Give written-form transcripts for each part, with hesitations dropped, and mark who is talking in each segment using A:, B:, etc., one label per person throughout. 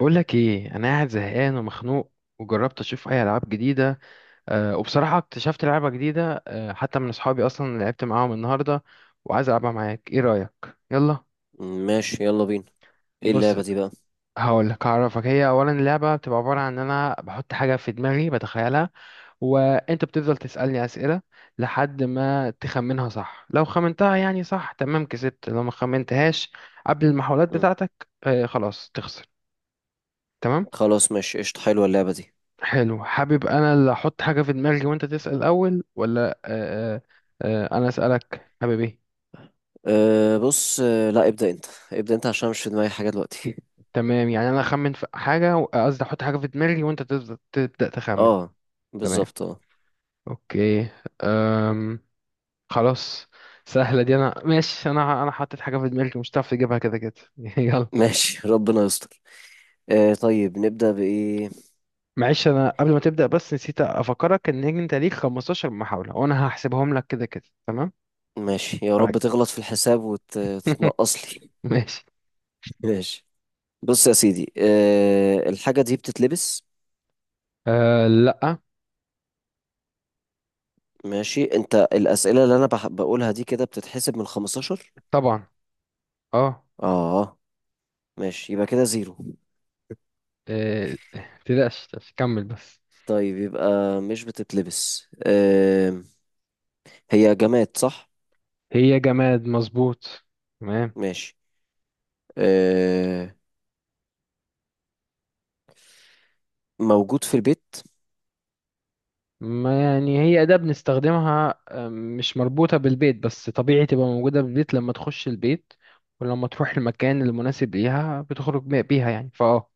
A: بقول لك ايه، انا قاعد زهقان ومخنوق وجربت اشوف اي العاب جديده. وبصراحه اكتشفت لعبه جديده، حتى من اصحابي اصلا اللي لعبت معاهم النهارده، وعايز العبها معاك. ايه رايك؟ يلا.
B: ماشي يلا بينا. ايه
A: بص،
B: اللعبة دي بقى؟
A: هقول لك هعرفك. هي اولا اللعبه بتبقى عباره عن ان انا بحط حاجه في دماغي بتخيلها، وانت بتفضل تسالني اسئله لحد ما تخمنها صح. لو خمنتها يعني صح، تمام، كسبت. لو ما خمنتهاش قبل المحاولات
B: مم.
A: بتاعتك، خلاص تخسر. تمام؟
B: خلاص ماشي قشطة، حلوة اللعبة دي.
A: حلو. حابب انا اللي احط حاجة في دماغي وانت تسأل اول، ولا انا اسألك؟ حابب ايه؟
B: بص، لا ابدأ انت. ابدأ انت عشان مش في دماغي حاجة دلوقتي.
A: تمام، يعني انا اخمن في حاجة، قصدي احط حاجة في دماغي وانت تبدأ تخمن.
B: اه
A: تمام.
B: بالظبط اه.
A: اوكي. أم خلاص. سهلة دي، انا ماشي. انا حطيت حاجة في دماغي مش هتعرف تجيبها كده كده. يلا.
B: ماشي ربنا يستر. طيب نبدأ بإيه؟
A: معلش انا قبل ما تبدأ بس نسيت افكرك ان انت ليك 15 محاولة، وانا هحسبهم لك كده كده. تمام؟
B: ماشي، يا رب
A: فرق.
B: تغلط في الحساب وتتنقص لي.
A: ماشي.
B: ماشي. بص يا سيدي، الحاجة دي بتتلبس؟
A: لا.
B: ماشي، انت الأسئلة اللي انا بقولها دي كده بتتحسب من 15؟
A: طبعا. اه.
B: اه ماشي، يبقى كده زيرو.
A: آه، تلاش تلاش، كمل بس.
B: طيب يبقى مش بتتلبس. هي جماد صح؟
A: هي جماد، مظبوط. تمام.
B: ماشي. آم، موجود في البيت؟
A: ما يعني هي أداة بنستخدمها، مش مربوطة بالبيت، بس طبيعي تبقى موجودة بالبيت لما تخش البيت، ولما تروح المكان المناسب ليها بتخرج بيها يعني،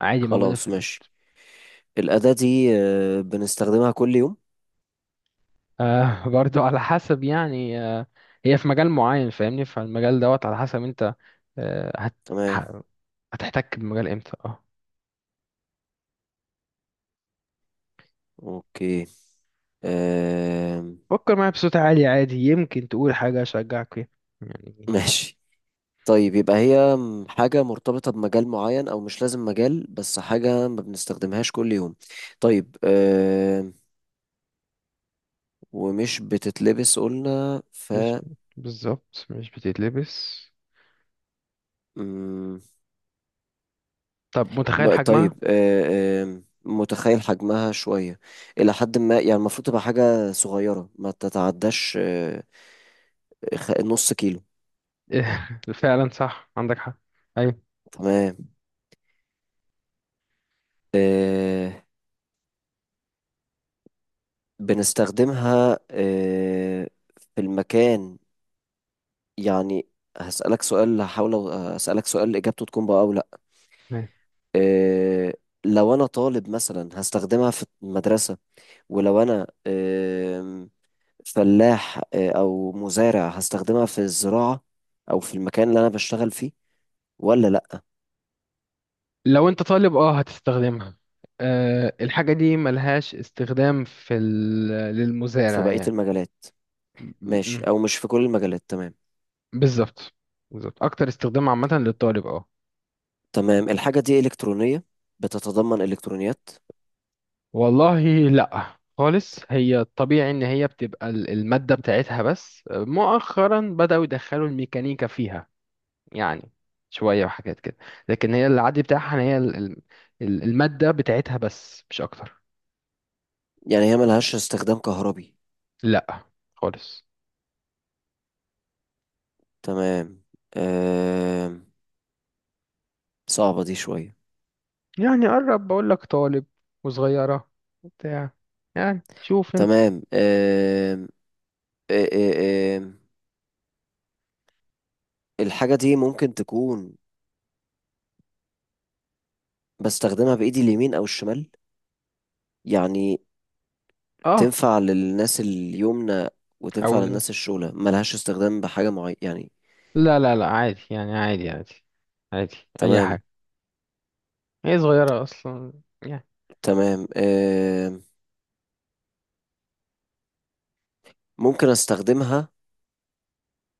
A: عادي موجودة في
B: خلاص
A: البيت.
B: ماشي، الأداة دي بنستخدمها كل يوم؟
A: برضو على حسب يعني، هي في مجال معين، فاهمني؟ فالمجال دوت على حسب انت. آه هت
B: تمام.
A: ه- هتحتك بالمجال امتى؟ اه.
B: أوكي. آم،
A: فكر معايا بصوت عالي عادي، يمكن تقول حاجة أشجعك فيها يعني.
B: ماشي. طيب يبقى هي حاجة مرتبطة بمجال معين، أو مش لازم مجال بس حاجة ما بنستخدمهاش كل يوم. طيب ومش بتتلبس قلنا، ف
A: مش بالظبط مش بتتلبس. طب متخيل حجمها؟
B: طيب آه، آم، متخيل حجمها شوية، إلى حد ما يعني، المفروض تبقى حاجة صغيرة ما تتعداش نص كيلو.
A: فعلا صح، عندك حق. ايوه.
B: تمام. آه، بنستخدمها في المكان يعني. هسألك سؤال، هحاول أسألك سؤال إجابته تكون بقى أو لأ.
A: أيوة.
B: آه، لو أنا طالب مثلا هستخدمها في المدرسة، ولو أنا فلاح او مزارع هستخدمها في الزراعة، او في المكان اللي انا بشتغل فيه، ولا لا؟
A: لو انت طالب اه هتستخدمها. أه الحاجة دي ملهاش استخدام في ال...
B: في
A: للمزارع
B: بقية
A: يعني.
B: المجالات؟
A: م-
B: ماشي،
A: م-
B: او مش في كل المجالات. تمام.
A: بالظبط، بالظبط. اكتر استخدام عامة للطالب، اه.
B: تمام، الحاجة دي إلكترونية؟ بتتضمن إلكترونيات؟
A: والله لا خالص. هي طبيعي ان هي بتبقى المادة بتاعتها، بس مؤخرا بدأوا يدخلوا الميكانيكا فيها يعني، شوية وحاجات كده. لكن هي العادي بتاعها، يعني هي المادة بتاعتها بس، مش أكتر.
B: يعني هي ملهاش استخدام كهربي.
A: لا خالص.
B: تمام آم، صعبة دي شوية.
A: يعني قرب، بقول لك طالب وصغيرة بتاع، يعني شوف انت.
B: تمام آم، آ- آ- آم، الحاجة دي ممكن تكون بستخدمها بإيدي اليمين أو الشمال يعني؟
A: اه.
B: تنفع للناس اليمنى
A: او
B: وتنفع
A: ال-
B: للناس الشولة، ملهاش استخدام بحاجة معينة يعني؟
A: لا عادي يعني، عادي. عادي، اي
B: تمام.
A: حاجة. هي صغيرة اصلا يعني.
B: تمام ممكن استخدمها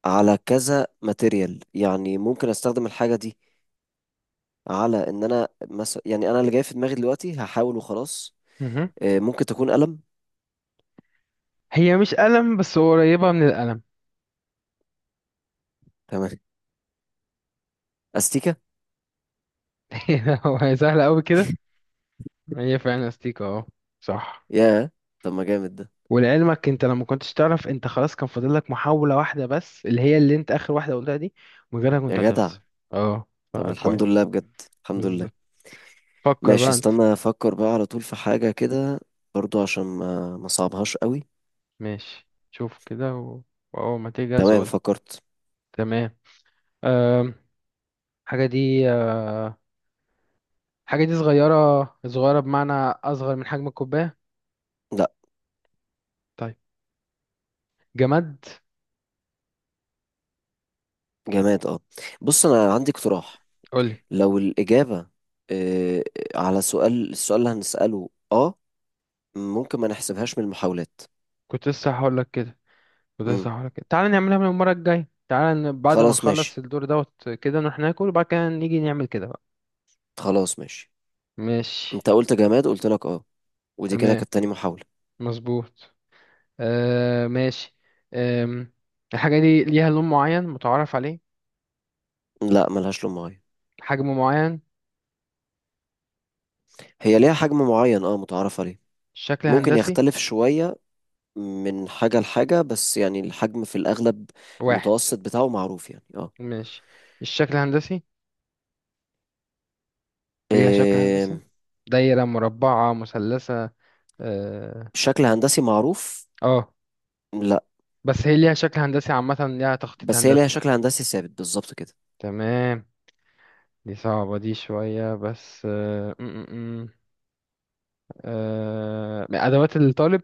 B: على كذا ماتيريال يعني؟ ممكن استخدم الحاجة دي على ان انا مثلا، يعني انا اللي جاي في دماغي دلوقتي هحاول وخلاص.
A: مهم.
B: ممكن تكون قلم؟
A: هي مش قلم، بس هو قريبة من القلم.
B: تمام. استيكة؟
A: هو سهلة قوي كده. هي فعلا استيكة، اه، صح.
B: يا طب ما جامد ده!
A: ولعلمك انت لما كنتش تعرف، انت خلاص كان فاضل لك محاولة واحدة بس، اللي هي اللي انت اخر واحدة قلتها دي. من غيرها
B: يا
A: كنت
B: جدع
A: هتخسر، اه،
B: طب
A: فكويس.
B: الحمد لله، بجد الحمد لله.
A: بالظبط. فكر
B: ماشي،
A: بقى انت.
B: استنى افكر بقى على طول في حاجة كده، برضو عشان ما صعبهاش قوي.
A: ماشي. شوف كده و... واول ما تجهز
B: تمام
A: قول.
B: فكرت.
A: تمام. أم... حاجة دي أه... حاجة دي صغيرة، صغيرة بمعنى اصغر من حجم الكوباية.
B: لا.
A: طيب. جماد.
B: جماد اه. بص انا عندي اقتراح،
A: قولي.
B: لو الاجابه آه على السؤال اللي هنساله اه، ممكن ما نحسبهاش من المحاولات.
A: كنت لسه هقول لك كده، كنت لسه
B: امم،
A: هقول لك كده. تعالى نعملها من المرة الجاية، تعالى بعد ما
B: خلاص
A: نخلص
B: ماشي.
A: الدور دوت كده نروح ناكل، وبعد كده نيجي نعمل كده.
B: خلاص ماشي.
A: ماشي.
B: انت قلت جماد، قلت لك اه، ودي كده
A: تمام،
B: كانت تاني محاوله.
A: مظبوط. آه ماشي. آم، الحاجة دي ليها لون معين متعارف عليه؟
B: لا ملهاش لون معين.
A: حجم معين؟
B: هي ليها حجم معين اه متعارف عليه.
A: شكل
B: ممكن
A: هندسي؟
B: يختلف شويه من حاجه لحاجه، بس يعني الحجم في الاغلب
A: واحد؟
B: المتوسط بتاعه معروف يعني اه.
A: ماشي. الشكل الهندسي، ليها شكل
B: آم،
A: هندسي، دايرة، مربعة، مثلثة؟ اه.
B: شكل هندسي معروف؟
A: آه.
B: لا
A: بس هي ليها شكل هندسي عامة، ليها تخطيط
B: بس هي ليها
A: هندسي.
B: شكل هندسي ثابت بالظبط كده.
A: تمام. دي صعبة دي شوية، بس آه. م -م -م. آه. أدوات الطالب؟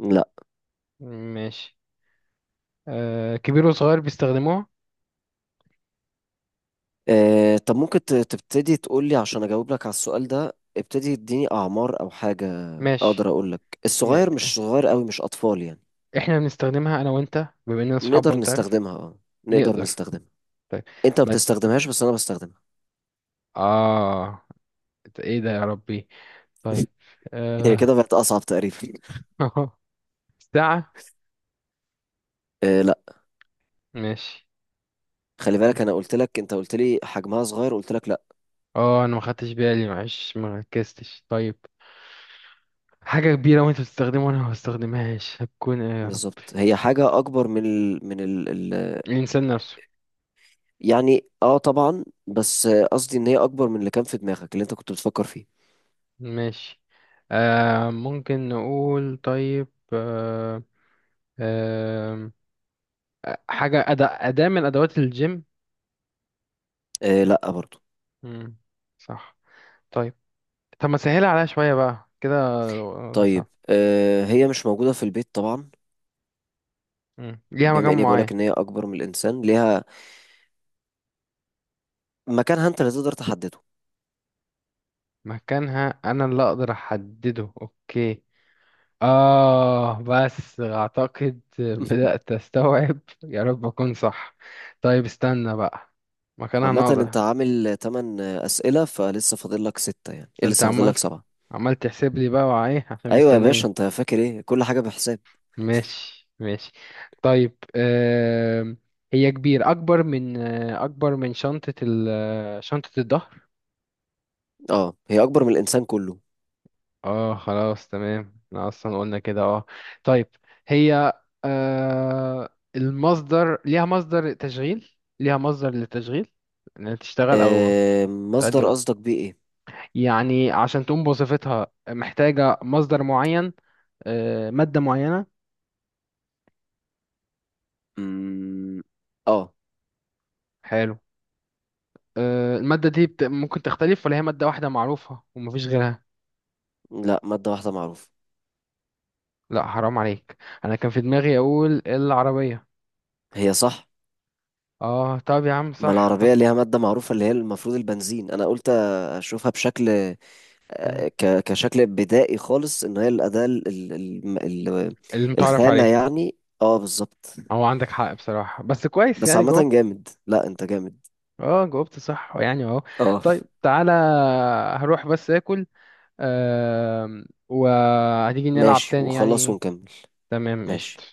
B: لا
A: ماشي. آه. كبير وصغير بيستخدموها؟
B: طب ممكن تبتدي تقول لي، عشان اجاوب لك على السؤال ده ابتدي اديني اعمار او حاجه،
A: ماشي.
B: اقدر اقول لك
A: م...
B: الصغير مش صغير قوي، مش اطفال يعني.
A: احنا بنستخدمها انا وانت، بما اننا صحاب،
B: نقدر
A: وانت عارف.
B: نستخدمها اه، نقدر
A: نقدر.
B: نستخدمها.
A: طيب.
B: انت ما
A: ما ت-
B: بتستخدمهاش بس انا بستخدمها.
A: اه. ده ايه ده يا ربي؟ طيب.
B: هي كده
A: آه...
B: بقت اصعب تقريبا.
A: ساعة؟
B: لا.
A: ماشي.
B: خلي بالك انا قلت لك، انت قلت لي حجمها صغير قلت لك لا.
A: اه انا ما خدتش بالي، معلش ما ركزتش. طيب. حاجة كبيرة وانت بتستخدمها وانا ما بستخدمهاش، هتكون ايه يا رب؟
B: بالظبط، هي حاجه اكبر من ال
A: الانسان نفسه.
B: يعني اه طبعا، بس قصدي ان هي اكبر من اللي كان في دماغك اللي انت كنت بتفكر فيه.
A: ماشي. آه ممكن نقول، طيب، آه آه حاجة، أداة من أدوات الجيم؟
B: لا برضو.
A: مم. صح. طيب. طب ما سهل عليها شوية بقى كده. ده
B: طيب
A: صعب.
B: هي مش موجودة في البيت طبعا.
A: مم. ليها
B: بما
A: مكان
B: اني
A: معين؟
B: بقولك ان هي اكبر من الانسان، ليها مكانها انت اللي تقدر تحدده.
A: مكانها أنا اللي أقدر أحدده. أوكي، آه، بس أعتقد بدأت أستوعب، يا رب أكون صح. طيب استنى بقى، مكانها
B: عامة
A: أنا أقدر.
B: انت عامل 8 اسئلة، فلسه فاضل لك 6 يعني،
A: ده أنت
B: لسه فاضل لك
A: عملت
B: 7.
A: عملت تحسب لي بقى وعيه، عشان
B: ايوه يا
A: مستنيني.
B: باشا، انت فاكر ايه كل حاجة بحساب.
A: ماشي ماشي. طيب. آه هي كبير، أكبر من أكبر من شنطة ال آه، شنطة الظهر.
B: اه هي اكبر من الانسان كله.
A: اه خلاص، تمام، احنا اصلا قلنا كده اه. طيب، هي، آه، المصدر، ليها مصدر تشغيل، ليها مصدر للتشغيل، انها تشتغل او تأدي،
B: مصدر، قصدك بيه ايه؟
A: يعني عشان تقوم بوظيفتها محتاجة مصدر معين، آه مادة معينة.
B: مم، اه.
A: حلو. آه المادة دي بت... ممكن تختلف، ولا هي مادة واحدة معروفة ومفيش غيرها؟
B: لا مادة واحدة معروفة.
A: لا حرام عليك، انا كان في دماغي اقول العربية.
B: هي صح؟
A: اه طب يا عم
B: ما
A: صح.
B: العربية ليها مادة معروفة اللي هي المفروض البنزين، انا قلت اشوفها بشكل
A: مم.
B: كشكل بدائي خالص، ان هي الاداه
A: المتعارف
B: الخامه
A: عليه.
B: يعني. اه بالظبط.
A: هو عندك حق بصراحة، بس كويس
B: بس
A: يعني جاوبت.
B: عامه جامد، لا انت جامد.
A: اه جاوبت صح يعني، اهو.
B: اه
A: طيب تعالى، هروح بس اكل، آه وهتيجي نلعب
B: ماشي،
A: تاني
B: وخلاص
A: يعني.
B: ونكمل.
A: تمام،
B: ماشي.
A: قشطة.